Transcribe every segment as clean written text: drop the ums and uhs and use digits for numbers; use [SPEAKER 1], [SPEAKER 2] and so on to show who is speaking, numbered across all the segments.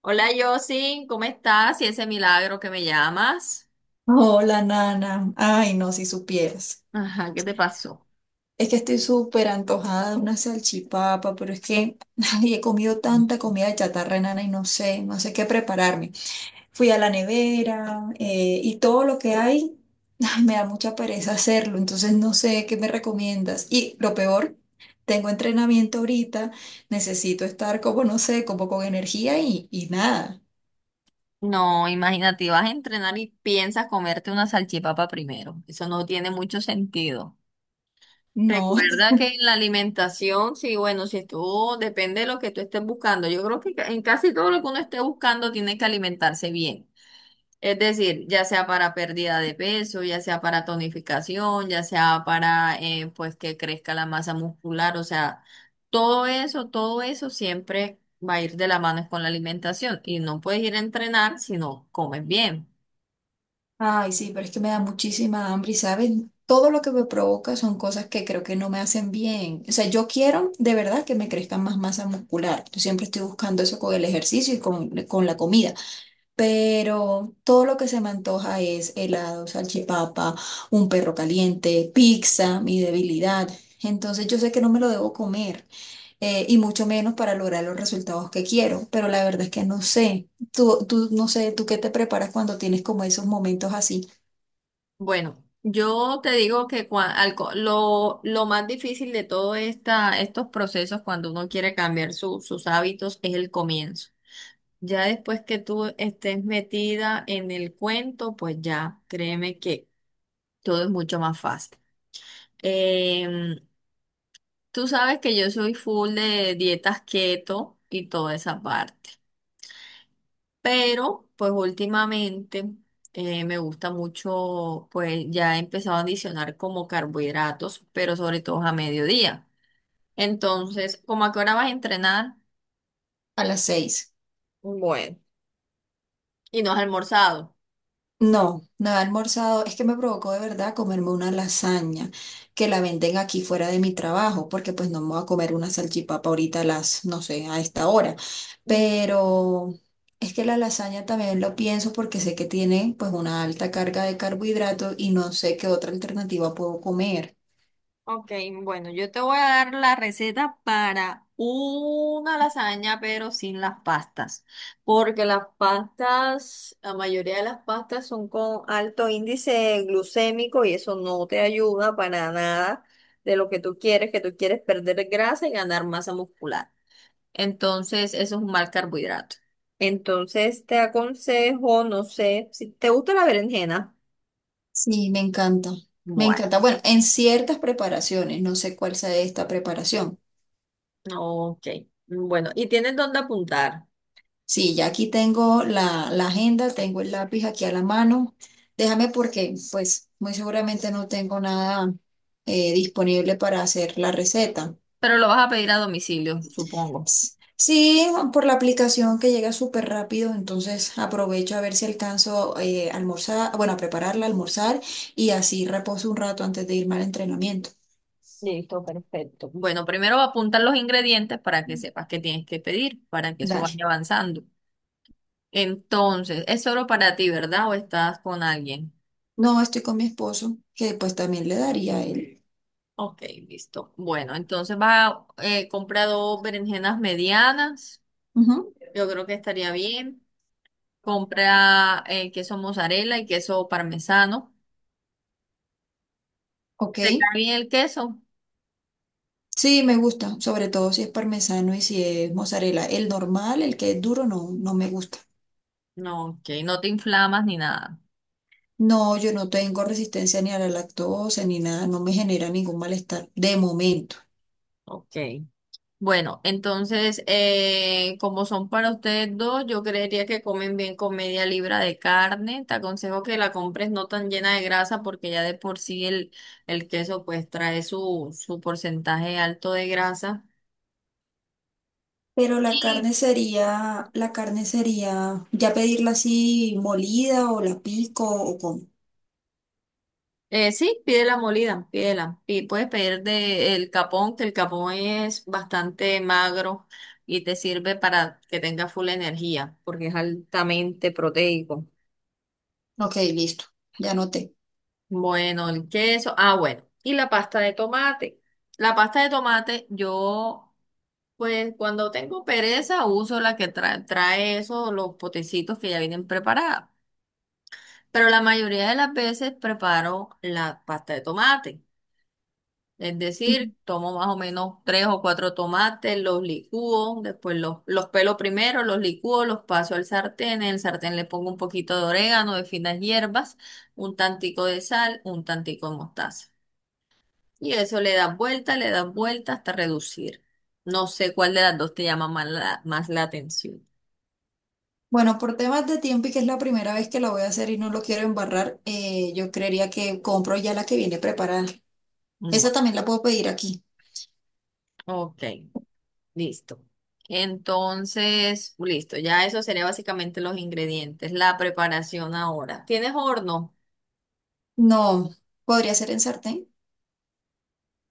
[SPEAKER 1] Hola, Josin, ¿cómo estás? Y ese milagro que me llamas.
[SPEAKER 2] Hola, Nana. Ay, no, si supieras.
[SPEAKER 1] Ajá, ¿qué te pasó?
[SPEAKER 2] Es que estoy súper antojada de una salchipapa, pero es que ay, he comido tanta comida chatarra, Nana, y no sé, no sé qué prepararme. Fui a la nevera y todo lo que hay, ay, me da mucha pereza hacerlo, entonces no sé qué me recomiendas. Y lo peor, tengo entrenamiento ahorita, necesito estar como, no sé, como con energía y nada.
[SPEAKER 1] No, imagínate, vas a entrenar y piensas comerte una salchipapa primero. Eso no tiene mucho sentido.
[SPEAKER 2] No.
[SPEAKER 1] Recuerda que en la alimentación, sí, bueno, si tú, depende de lo que tú estés buscando. Yo creo que en casi todo lo que uno esté buscando tiene que alimentarse bien. Es decir, ya sea para pérdida de peso, ya sea para tonificación, ya sea para pues que crezca la masa muscular, o sea, todo eso siempre va a ir de la mano con la alimentación y no puedes ir a entrenar si no comes bien.
[SPEAKER 2] Ay, sí, pero es que me da muchísima hambre y, ¿sabes? Todo lo que me provoca son cosas que creo que no me hacen bien. O sea, yo quiero de verdad que me crezca más masa muscular. Yo siempre estoy buscando eso con el ejercicio y con la comida. Pero todo lo que se me antoja es helado, salchipapa, un perro caliente, pizza, mi debilidad. Entonces yo sé que no me lo debo comer y mucho menos para lograr los resultados que quiero, pero la verdad es que no sé. Tú, no sé, ¿tú qué te preparas cuando tienes como esos momentos así?
[SPEAKER 1] Bueno, yo te digo que lo más difícil de todos estos procesos cuando uno quiere cambiar sus hábitos es el comienzo. Ya después que tú estés metida en el cuento, pues ya, créeme que todo es mucho más fácil. Em, Tú sabes que yo soy full de dietas keto y toda esa parte, pero pues últimamente me gusta mucho, pues ya he empezado a adicionar como carbohidratos, pero sobre todo a mediodía. Entonces, ¿cómo a qué hora vas a entrenar?
[SPEAKER 2] A las seis.
[SPEAKER 1] Bueno. Y no has almorzado.
[SPEAKER 2] No, no he almorzado. Es que me provocó de verdad comerme una lasaña que la venden aquí fuera de mi trabajo, porque pues no me voy a comer una salchipapa ahorita a las, no sé, a esta hora. Pero es que la lasaña también lo pienso porque sé que tiene pues una alta carga de carbohidratos y no sé qué otra alternativa puedo comer.
[SPEAKER 1] Ok, bueno, yo te voy a dar la receta para una lasaña, pero sin las pastas, porque las pastas, la mayoría de las pastas son con alto índice glucémico y eso no te ayuda para nada de lo que tú quieres perder grasa y ganar masa muscular. Entonces, eso es un mal carbohidrato. Entonces, te aconsejo, no sé, si te gusta la berenjena.
[SPEAKER 2] Sí, me encanta. Me
[SPEAKER 1] Bueno,
[SPEAKER 2] encanta. Bueno, en ciertas preparaciones, no sé cuál sea esta preparación.
[SPEAKER 1] ok. Bueno, ¿y tienes dónde apuntar?
[SPEAKER 2] Sí, ya aquí tengo la agenda, tengo el lápiz aquí a la mano. Déjame porque, pues, muy seguramente no tengo nada disponible para hacer la receta.
[SPEAKER 1] Pero lo vas a pedir a domicilio, supongo.
[SPEAKER 2] S- Sí, por la aplicación que llega súper rápido, entonces aprovecho a ver si alcanzo a almorzar, bueno, a prepararla, almorzar y así reposo un rato antes de irme al entrenamiento.
[SPEAKER 1] Listo, perfecto. Bueno, primero apuntar los ingredientes para que sepas qué tienes que pedir, para que eso
[SPEAKER 2] Dale.
[SPEAKER 1] vaya avanzando. Entonces, es solo para ti, ¿verdad? ¿O estás con alguien?
[SPEAKER 2] No, estoy con mi esposo, que pues también le daría a él.
[SPEAKER 1] Ok, listo. Bueno, entonces vas a comprar dos berenjenas medianas.
[SPEAKER 2] Ujú.
[SPEAKER 1] Yo creo que estaría bien. Compra queso mozzarella y queso parmesano. ¿Te
[SPEAKER 2] Ok.
[SPEAKER 1] cae bien el queso?
[SPEAKER 2] Sí, me gusta, sobre todo si es parmesano y si es mozzarella. El normal, el que es duro, no, no me gusta.
[SPEAKER 1] No, ok, no te inflamas ni nada.
[SPEAKER 2] No, yo no tengo resistencia ni a la lactosa ni nada, no me genera ningún malestar de momento.
[SPEAKER 1] Ok. Bueno, entonces, como son para ustedes dos, yo creería que comen bien con media libra de carne. Te aconsejo que la compres no tan llena de grasa porque ya de por sí el queso pues trae su porcentaje alto de grasa.
[SPEAKER 2] Pero
[SPEAKER 1] Y
[SPEAKER 2] la carne sería ya pedirla así molida o la pico o con.
[SPEAKER 1] sí, pídela molida, pídela. Y puedes pedir de el capón, que el capón es bastante magro y te sirve para que tengas full energía porque es altamente proteico.
[SPEAKER 2] Ok, listo, ya noté.
[SPEAKER 1] Bueno, el queso. Ah, bueno. Y la pasta de tomate. La pasta de tomate, yo, pues cuando tengo pereza, uso la que trae esos, los potecitos que ya vienen preparados. Pero la mayoría de las veces preparo la pasta de tomate. Es
[SPEAKER 2] Ujú.
[SPEAKER 1] decir, tomo más o menos tres o cuatro tomates, los licúo, después los pelo primero, los licúo, los paso al sartén. En el sartén le pongo un poquito de orégano, de finas hierbas, un tantico de sal, un tantico de mostaza. Y eso le dan vuelta hasta reducir. No sé cuál de las dos te llama más más la atención.
[SPEAKER 2] Bueno, por temas de tiempo y que es la primera vez que la voy a hacer y no lo quiero embarrar, yo creería que compro ya la que viene preparada. Esa
[SPEAKER 1] Bueno,
[SPEAKER 2] también la puedo pedir aquí.
[SPEAKER 1] ok, listo. Entonces, listo, ya eso sería básicamente los ingredientes, la preparación ahora. ¿Tienes horno?
[SPEAKER 2] No, podría ser en sartén.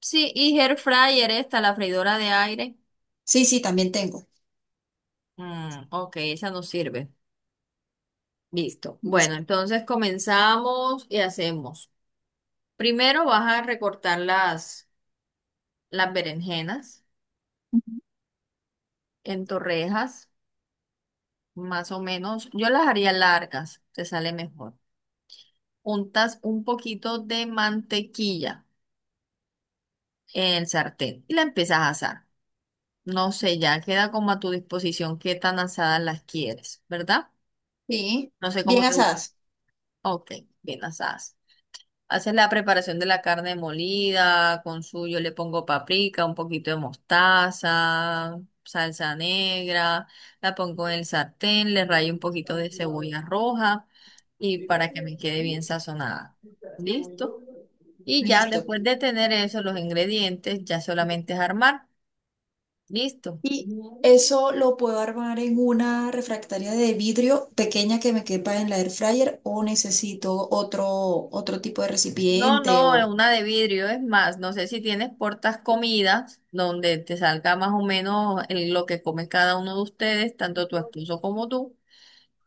[SPEAKER 1] Sí, y air fryer esta, la freidora de aire.
[SPEAKER 2] Sí, sí, también tengo.
[SPEAKER 1] Mm, ok, esa nos sirve. Listo. Bueno,
[SPEAKER 2] Listo.
[SPEAKER 1] entonces comenzamos y hacemos. Primero vas a recortar las berenjenas
[SPEAKER 2] Ujú.
[SPEAKER 1] en torrejas. Más o menos. Yo las haría largas, te sale mejor. Untas un poquito de mantequilla en el sartén y la empiezas a asar. No sé, ya queda como a tu disposición qué tan asadas las quieres, ¿verdad?
[SPEAKER 2] Sí,
[SPEAKER 1] No sé cómo
[SPEAKER 2] bien
[SPEAKER 1] te...
[SPEAKER 2] asadas.
[SPEAKER 1] Ok, bien asadas. Haces la preparación de la carne molida, con su, yo le pongo paprika, un poquito de mostaza, salsa negra, la pongo en el sartén, le rayo un poquito de cebolla roja y para que me quede bien sazonada. ¿Listo? Y ya
[SPEAKER 2] Listo.
[SPEAKER 1] después de tener eso, los ingredientes, ya solamente es armar. ¿Listo?
[SPEAKER 2] Y eso lo puedo armar en una refractaria de vidrio pequeña que me quepa en la air fryer o necesito otro, otro tipo de
[SPEAKER 1] No,
[SPEAKER 2] recipiente
[SPEAKER 1] no, es
[SPEAKER 2] o...
[SPEAKER 1] una de vidrio, es más, no sé si tienes portas comidas donde te salga más o menos lo que come cada uno de ustedes, tanto tu esposo como tú,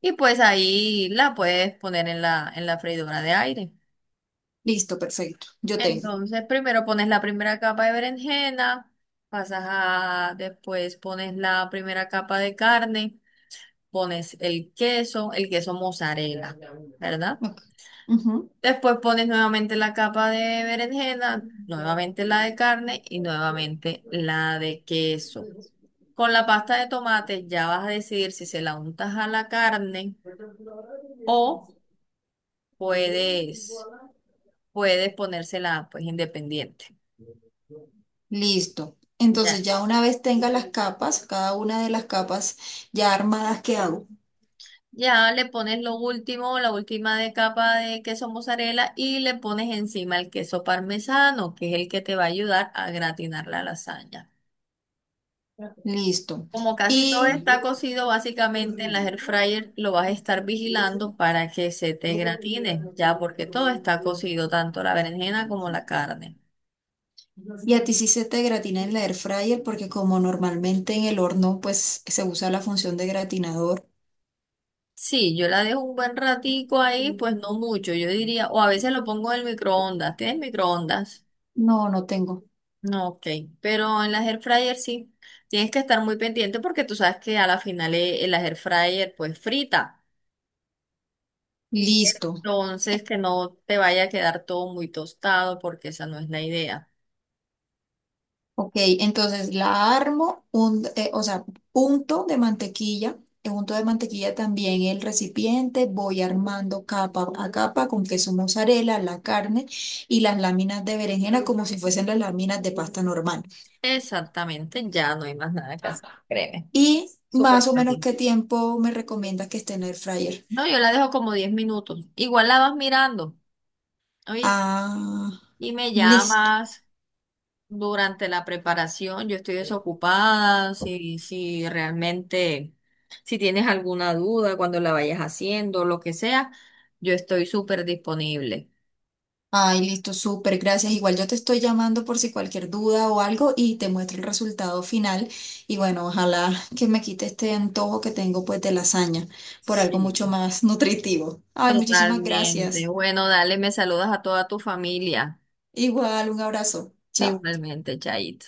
[SPEAKER 1] y pues ahí la puedes poner en en la freidora de aire.
[SPEAKER 2] Listo, perfecto. Yo tengo.
[SPEAKER 1] Entonces, primero pones la primera capa de berenjena, pasas a, después pones la primera capa de carne, pones el queso mozzarella, ¿verdad?
[SPEAKER 2] Ok. Ujú.
[SPEAKER 1] Después pones nuevamente la capa de berenjena, nuevamente la de carne y nuevamente la de queso. Con la pasta de tomate ya vas a decidir si se la untas a la carne o puedes, puedes ponérsela pues independiente.
[SPEAKER 2] Listo. Entonces
[SPEAKER 1] Ya.
[SPEAKER 2] ya una vez tenga las capas, cada una de las capas ya armadas, ¿qué hago?
[SPEAKER 1] Ya le pones lo último, la última de capa de queso mozzarella y le pones encima el queso parmesano, que es el que te va a ayudar a gratinar la lasaña.
[SPEAKER 2] Listo.
[SPEAKER 1] Como casi todo
[SPEAKER 2] Y
[SPEAKER 1] está cocido, básicamente en la air fryer lo vas a estar vigilando para que se te gratine, ya porque todo está cocido, tanto la berenjena como la carne.
[SPEAKER 2] y a ti sí se te gratina en la air fryer porque como normalmente en el horno pues se usa la función de gratinador.
[SPEAKER 1] Sí, yo la dejo un buen ratico ahí, pues no mucho, yo diría, o a veces lo pongo en el microondas. ¿Tienes microondas?
[SPEAKER 2] No, no tengo.
[SPEAKER 1] No, ok, pero en las air fryer sí, tienes que estar muy pendiente porque tú sabes que a la final el air fryer pues frita,
[SPEAKER 2] Listo.
[SPEAKER 1] entonces que no te vaya a quedar todo muy tostado porque esa no es la idea.
[SPEAKER 2] Ok, entonces la armo, un, o sea, punto de mantequilla, unto de mantequilla también el recipiente, voy armando capa a capa con queso mozzarella, la carne y las láminas de berenjena como si fuesen las láminas de pasta normal.
[SPEAKER 1] Exactamente, ya no hay más nada que hacer, créeme.
[SPEAKER 2] Y más
[SPEAKER 1] Súper
[SPEAKER 2] o menos
[SPEAKER 1] fácil.
[SPEAKER 2] qué tiempo me recomiendas que esté en el fryer.
[SPEAKER 1] No, yo la dejo como 10 minutos. Igual la vas mirando, ¿oíste?
[SPEAKER 2] Ah,
[SPEAKER 1] Y me
[SPEAKER 2] listo.
[SPEAKER 1] llamas durante la preparación. Yo estoy desocupada. Si, si realmente, si tienes alguna duda cuando la vayas haciendo, lo que sea, yo estoy súper disponible.
[SPEAKER 2] Ay, listo, súper, gracias. Igual yo te estoy llamando por si cualquier duda o algo y te muestro el resultado final. Y bueno, ojalá que me quite este antojo que tengo pues de lasaña por algo
[SPEAKER 1] Sí.
[SPEAKER 2] mucho más nutritivo. Ay, muchísimas
[SPEAKER 1] Totalmente.
[SPEAKER 2] gracias.
[SPEAKER 1] Bueno, dale, me saludas a toda tu familia.
[SPEAKER 2] Igual, un abrazo. Chao.
[SPEAKER 1] Igualmente, Chait.